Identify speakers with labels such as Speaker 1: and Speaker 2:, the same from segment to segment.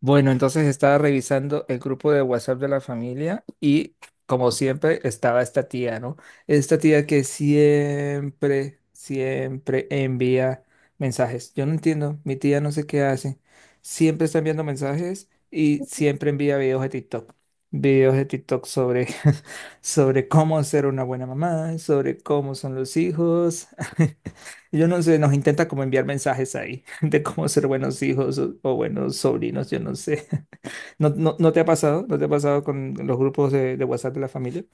Speaker 1: Bueno, entonces estaba revisando el grupo de WhatsApp de la familia y como siempre estaba esta tía, ¿no? Esta tía que siempre, siempre envía mensajes. Yo no entiendo, mi tía no sé qué hace. Siempre está enviando mensajes y siempre envía videos de TikTok. Videos de TikTok sobre, sobre cómo ser una buena mamá, sobre cómo son los hijos. Yo no sé, nos intenta como enviar mensajes ahí de cómo ser buenos hijos o buenos sobrinos, yo no sé. ¿No, te ha pasado? ¿No te ha pasado con los grupos de WhatsApp de la familia?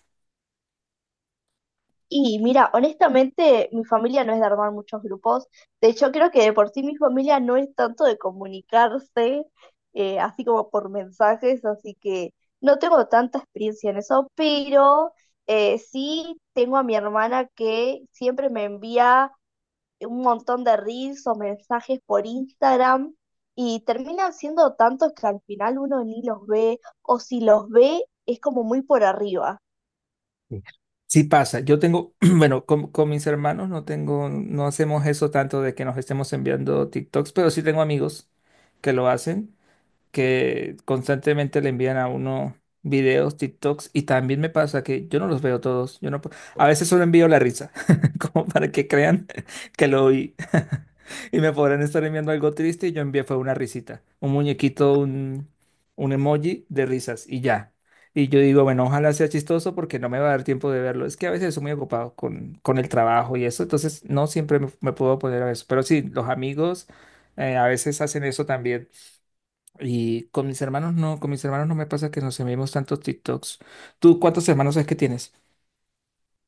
Speaker 2: Y mira, honestamente, mi familia no es de armar muchos grupos. De hecho, creo que de por sí mi familia no es tanto de comunicarse, así como por mensajes, así que no tengo tanta experiencia en eso, pero sí tengo a mi hermana que siempre me envía un montón de reels o mensajes por Instagram y terminan siendo tantos que al final uno ni los ve, o si los ve, es como muy por arriba.
Speaker 1: Sí pasa. Yo tengo, bueno, con mis hermanos no tengo, no hacemos eso tanto de que nos estemos enviando TikToks, pero sí tengo amigos que lo hacen que constantemente le envían a uno videos, TikToks, y también me pasa que yo no los veo todos, yo no, pu- a veces solo envío la risa, como para que crean que lo oí. Y me podrán estar enviando algo triste y yo envié fue una risita, un muñequito, un emoji de risas y ya. Y yo digo, bueno, ojalá sea chistoso porque no me va a dar tiempo de verlo. Es que a veces estoy muy ocupado con el trabajo y eso, entonces no siempre me puedo poner a eso. Pero sí, los amigos a veces hacen eso también. Y con mis hermanos no, con mis hermanos no me pasa que nos enviemos tantos TikToks. ¿Tú cuántos hermanos es que tienes?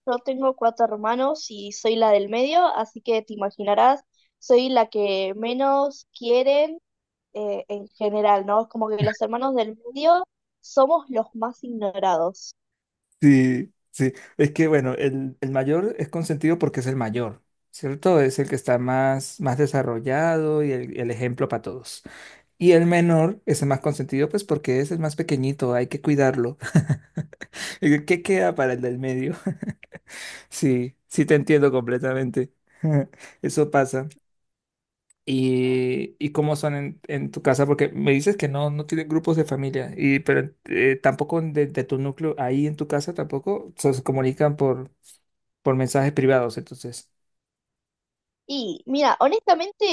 Speaker 2: Yo tengo cuatro hermanos y soy la del medio, así que te imaginarás, soy la que menos quieren en general, ¿no? Es como que los hermanos del medio somos los más ignorados.
Speaker 1: Sí, sí. Es que bueno, el mayor es consentido porque es el mayor, ¿cierto? Es el que está más, más desarrollado y el ejemplo para todos. Y el menor es el más consentido, pues porque es el más pequeñito, hay que cuidarlo. ¿Qué queda para el del medio? Sí, sí te entiendo completamente. Eso pasa. ¿Y cómo son en tu casa? Porque me dices que no, no tienen grupos de familia, y, pero tampoco de tu núcleo, ahí en tu casa tampoco se se comunican por mensajes privados. Entonces,
Speaker 2: Y mira, honestamente,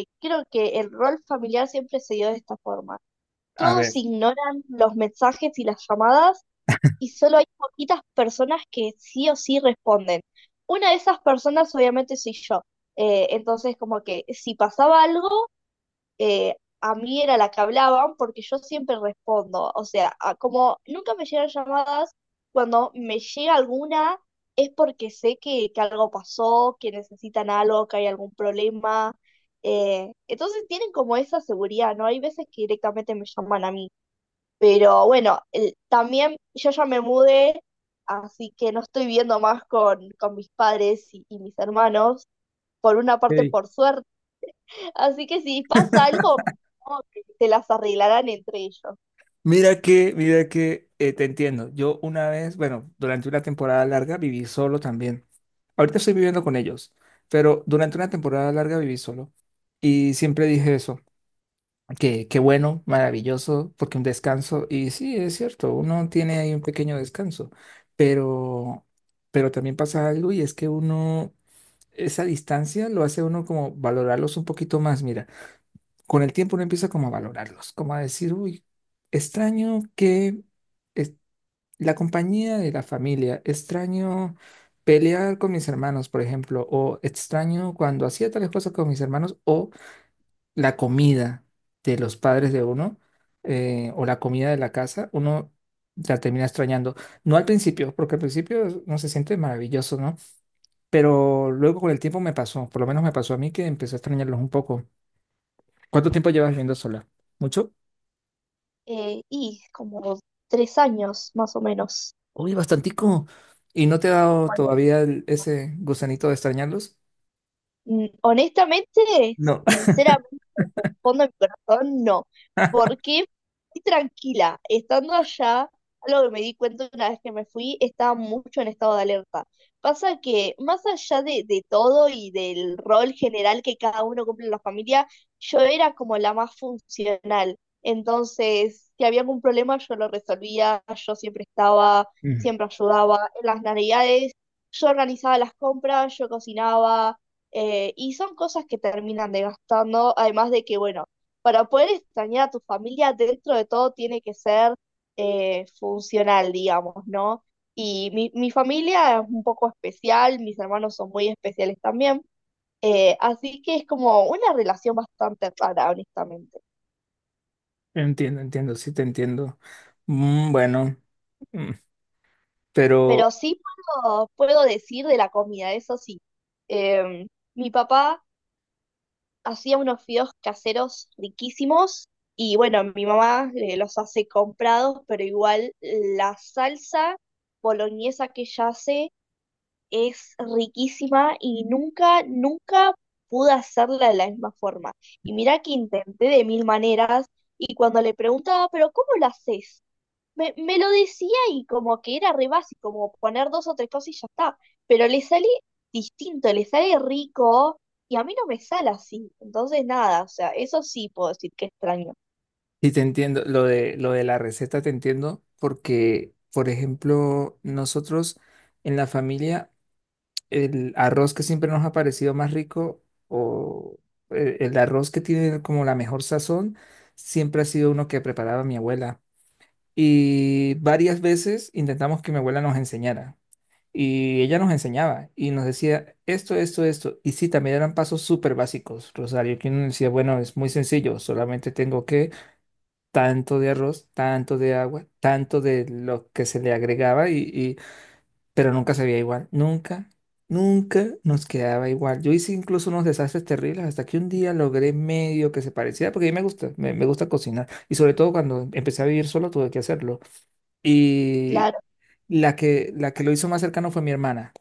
Speaker 2: creo que el rol familiar siempre se dio de esta forma.
Speaker 1: a ver.
Speaker 2: Todos ignoran los mensajes y las llamadas, y solo hay poquitas personas que sí o sí responden. Una de esas personas obviamente soy yo. Entonces, como que si pasaba algo, a mí era la que hablaban porque yo siempre respondo. O sea, como nunca me llegan llamadas, cuando me llega alguna es porque sé que algo pasó, que necesitan algo, que hay algún problema. Entonces tienen como esa seguridad, ¿no? Hay veces que directamente me llaman a mí. Pero bueno, también yo ya me mudé, así que no estoy viendo más con mis padres y mis hermanos, por una parte
Speaker 1: Ey,
Speaker 2: por suerte. Así que si pasa algo, como que se las arreglarán entre ellos.
Speaker 1: Mira que, te entiendo. Yo una vez, bueno, durante una temporada larga viví solo también. Ahorita estoy viviendo con ellos, pero durante una temporada larga viví solo. Y siempre dije eso. Qué, qué bueno, maravilloso, porque un descanso, y sí, es cierto, uno tiene ahí un pequeño descanso, pero, pero también pasa algo y es que uno, esa distancia lo hace a uno como valorarlos un poquito más, mira, con el tiempo uno empieza como a valorarlos, como a decir, uy, extraño que es- la compañía de la familia, extraño pelear con mis hermanos, por ejemplo, o extraño cuando hacía tales cosas con mis hermanos, o la comida de los padres de uno o la comida de la casa, uno la termina extrañando. No al principio, porque uno se siente maravilloso, ¿no? Pero luego con el tiempo me pasó, por lo menos me pasó a mí que empecé a extrañarlos un poco. ¿Cuánto tiempo llevas viviendo sola? ¿Mucho?
Speaker 2: Y como 3 años más o menos.
Speaker 1: Uy, bastantico. ¿Y no te ha dado
Speaker 2: Bueno,
Speaker 1: todavía ese gusanito de extrañarlos?
Speaker 2: Honestamente,
Speaker 1: No.
Speaker 2: sinceramente, por el fondo de mi corazón, no. Porque estoy tranquila. Estando allá, algo que me di cuenta una vez que me fui, estaba mucho en estado de alerta. Pasa que, más allá de todo y del rol general que cada uno cumple en la familia, yo era como la más funcional. Entonces, si había algún problema, yo lo resolvía, yo siempre estaba,
Speaker 1: Mm,
Speaker 2: siempre ayudaba. En las navidades, yo organizaba las compras, yo cocinaba. Y son cosas que terminan desgastando, además de que, bueno, para poder extrañar a tu familia, dentro de todo tiene que ser funcional, digamos, ¿no? Y mi familia es un poco especial, mis hermanos son muy especiales también, así que es como una relación bastante rara, honestamente.
Speaker 1: Entiendo, entiendo, sí te entiendo. Mm, bueno, mm, pero
Speaker 2: Pero sí puedo decir de la comida, eso sí. Em, Mi papá hacía unos fideos caseros riquísimos y bueno, mi mamá los hace comprados, pero igual la salsa boloñesa que ella hace es riquísima y nunca, nunca pude hacerla de la misma forma. Y mira que intenté de mil maneras y cuando le preguntaba, pero ¿cómo la haces? Me lo decía y como que era re básico, como poner dos o tres cosas y ya está. Pero le sale distinto, le sale rico y a mí no me sale así. Entonces, nada, o sea, eso sí puedo decir que extraño.
Speaker 1: Y te entiendo, lo lo de la receta te entiendo porque, por ejemplo, nosotros en la familia, el arroz que siempre nos ha parecido más rico o el arroz que tiene como la mejor sazón, siempre ha sido uno que preparaba mi abuela. Y varias veces intentamos que mi abuela nos enseñara. Y ella nos enseñaba y nos decía esto, esto, esto. Y sí, también eran pasos súper básicos, Rosario, que uno decía, bueno, es muy sencillo, solamente tengo que tanto de arroz, tanto de agua, tanto de lo que se le agregaba, pero nunca sabía igual, nunca, nunca nos quedaba igual. Yo hice incluso unos desastres terribles hasta que un día logré medio que se pareciera, porque a mí me gusta, me gusta cocinar, y sobre todo cuando empecé a vivir solo tuve que hacerlo. Y
Speaker 2: Claro,
Speaker 1: la que lo hizo más cercano fue mi hermana.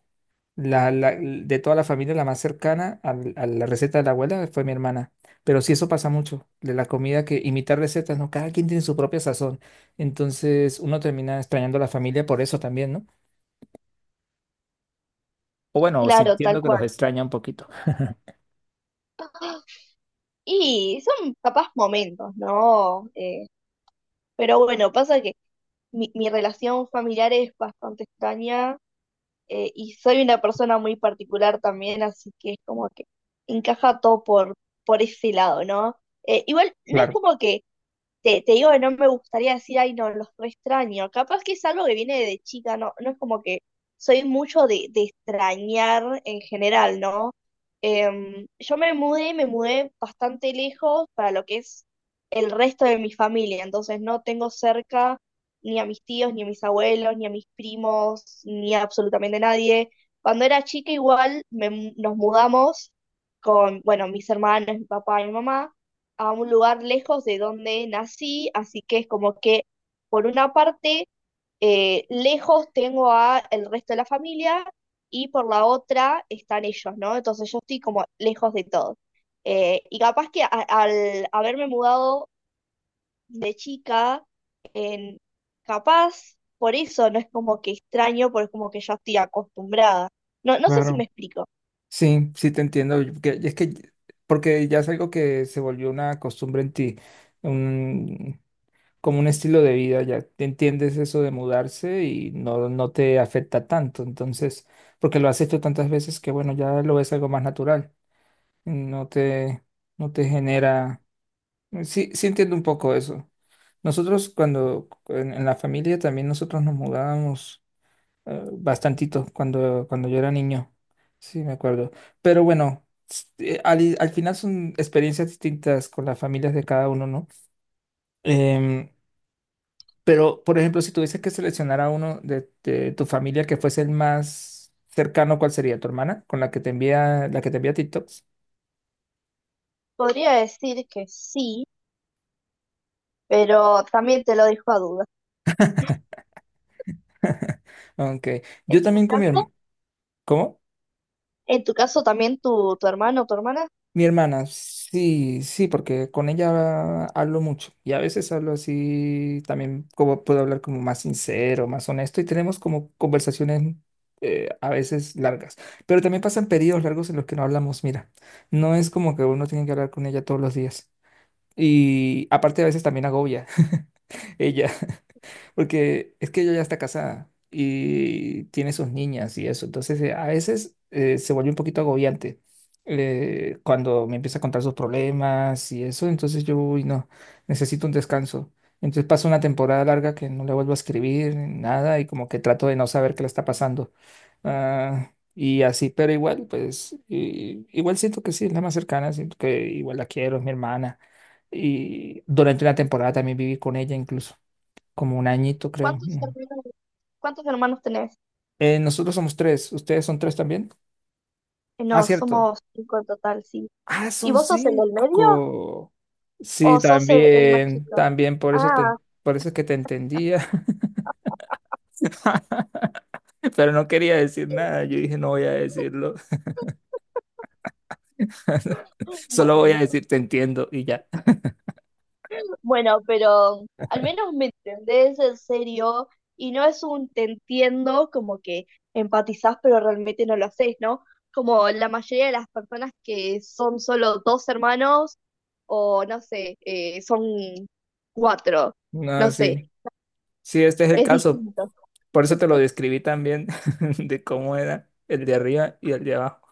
Speaker 1: De toda la familia, la más cercana a la receta de la abuela fue mi hermana. Pero sí, eso pasa mucho, de la comida que imitar recetas, ¿no? Cada quien tiene su propia sazón. Entonces uno termina extrañando a la familia por eso también, ¿no? O bueno, o
Speaker 2: claro, tal
Speaker 1: sintiendo que
Speaker 2: cual.
Speaker 1: los extraña un poquito.
Speaker 2: Y son capaz momentos, ¿no? Pero bueno, pasa que mi relación familiar es bastante extraña, y soy una persona muy particular también, así que es como que encaja todo por ese lado, ¿no? Igual, no es
Speaker 1: Claro,
Speaker 2: como que te digo que no me gustaría decir, ay, no, los re extraño. Capaz que es algo que viene de chica, no, no es como que soy mucho de extrañar en general, ¿no? Yo me mudé bastante lejos para lo que es el resto de mi familia, entonces no tengo cerca ni a mis tíos, ni a mis abuelos, ni a mis primos, ni a absolutamente nadie. Cuando era chica igual nos mudamos con, bueno, mis hermanos, mi papá y mi mamá a un lugar lejos de donde nací, así que es como que por una parte lejos tengo a el resto de la familia y por la otra están ellos, ¿no? Entonces yo estoy como lejos de todos. Y capaz que al haberme mudado de chica, capaz por eso no es como que extraño, porque es como que ya estoy acostumbrada. No, no sé si me
Speaker 1: claro.
Speaker 2: explico.
Speaker 1: Sí, sí te entiendo. Es que, porque ya es algo que se volvió una costumbre en ti. Como un estilo de vida, ya te entiendes eso de mudarse y no, no te afecta tanto. Entonces, porque lo has hecho tantas veces que bueno, ya lo ves algo más natural. No te, no te genera. Sí, sí entiendo un poco eso. Nosotros cuando en la familia también nosotros nos mudábamos bastantito cuando yo era niño. Sí, me acuerdo. Pero bueno, al final son experiencias distintas con las familias de cada uno, ¿no? Em, pero, por ejemplo, si tuviese que seleccionar a uno de tu familia que fuese el más cercano, ¿cuál sería? ¿Tu hermana? Con la que te envía, la que te envía TikToks.
Speaker 2: Podría decir que sí, pero también te lo dejo a duda.
Speaker 1: Aunque yo
Speaker 2: ¿En tu
Speaker 1: también con mi
Speaker 2: caso?
Speaker 1: hermana. ¿Cómo?
Speaker 2: En tu caso también tu hermano o tu hermana,
Speaker 1: Mi hermana. Sí, sí, porque con ella hablo mucho. Y a veces hablo así también, como puedo hablar como más sincero, más honesto. Y tenemos como conversaciones a veces largas. Pero también pasan periodos largos en los que no hablamos. Mira, no es como que uno tiene que hablar con ella todos los días. Y aparte a veces también agobia ella. Porque es que ella ya está casada y tiene sus niñas y eso. Entonces, a veces se vuelve un poquito agobiante cuando me empieza a contar sus problemas y eso. Entonces yo, uy, no, necesito un descanso. Entonces paso una temporada larga que no le vuelvo a escribir, nada, y como que trato de no saber qué le está pasando. Ah, y así, pero igual, pues, igual siento que sí, es la más cercana, siento que igual la quiero, es mi hermana. Y durante una temporada también viví con ella incluso como un añito, creo.
Speaker 2: ¿cuántos
Speaker 1: Mm.
Speaker 2: hermanos, ¿cuántos hermanos tenés?
Speaker 1: Nosotros somos tres. ¿Ustedes son tres también? Ah,
Speaker 2: No,
Speaker 1: cierto.
Speaker 2: somos cinco en total, sí.
Speaker 1: Ah,
Speaker 2: ¿Y
Speaker 1: son
Speaker 2: vos sos el del medio
Speaker 1: cinco. Sí,
Speaker 2: o sos el más
Speaker 1: también,
Speaker 2: chico?
Speaker 1: también,
Speaker 2: Ah,
Speaker 1: por eso es que te entendía. Pero no quería decir nada. Yo dije, no voy a decirlo. Solo voy a
Speaker 2: bueno,
Speaker 1: decir, te entiendo y ya.
Speaker 2: bueno, pero al menos me entendés en serio y no es un te entiendo como que empatizás pero realmente no lo haces, ¿no? Como la mayoría de las personas que son solo dos hermanos o no sé, son cuatro,
Speaker 1: No,
Speaker 2: no sé.
Speaker 1: sí. Sí, este es el
Speaker 2: Es
Speaker 1: caso.
Speaker 2: distinto.
Speaker 1: Por eso te lo describí también, de cómo era el de arriba y el de abajo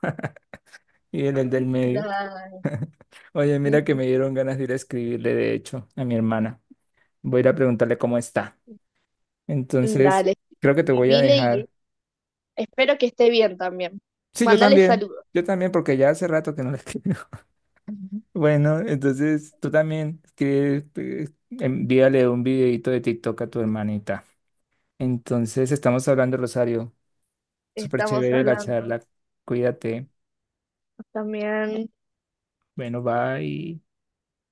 Speaker 1: y el del medio.
Speaker 2: Claro,
Speaker 1: Oye,
Speaker 2: es
Speaker 1: mira que me
Speaker 2: distinto.
Speaker 1: dieron ganas de ir a escribirle, de hecho, a mi hermana. Voy a ir a preguntarle cómo está. Entonces,
Speaker 2: Dale,
Speaker 1: creo que te voy a
Speaker 2: escribile y
Speaker 1: dejar.
Speaker 2: espero que esté bien también.
Speaker 1: Sí, yo
Speaker 2: Mandale
Speaker 1: también.
Speaker 2: saludos.
Speaker 1: Yo también, porque ya hace rato que no le escribo. Bueno, entonces tú también escribe, envíale un videito de TikTok a tu hermanita. Entonces, estamos hablando, Rosario. Súper
Speaker 2: Estamos
Speaker 1: chévere la
Speaker 2: hablando
Speaker 1: charla. Cuídate.
Speaker 2: también.
Speaker 1: Bueno, bye.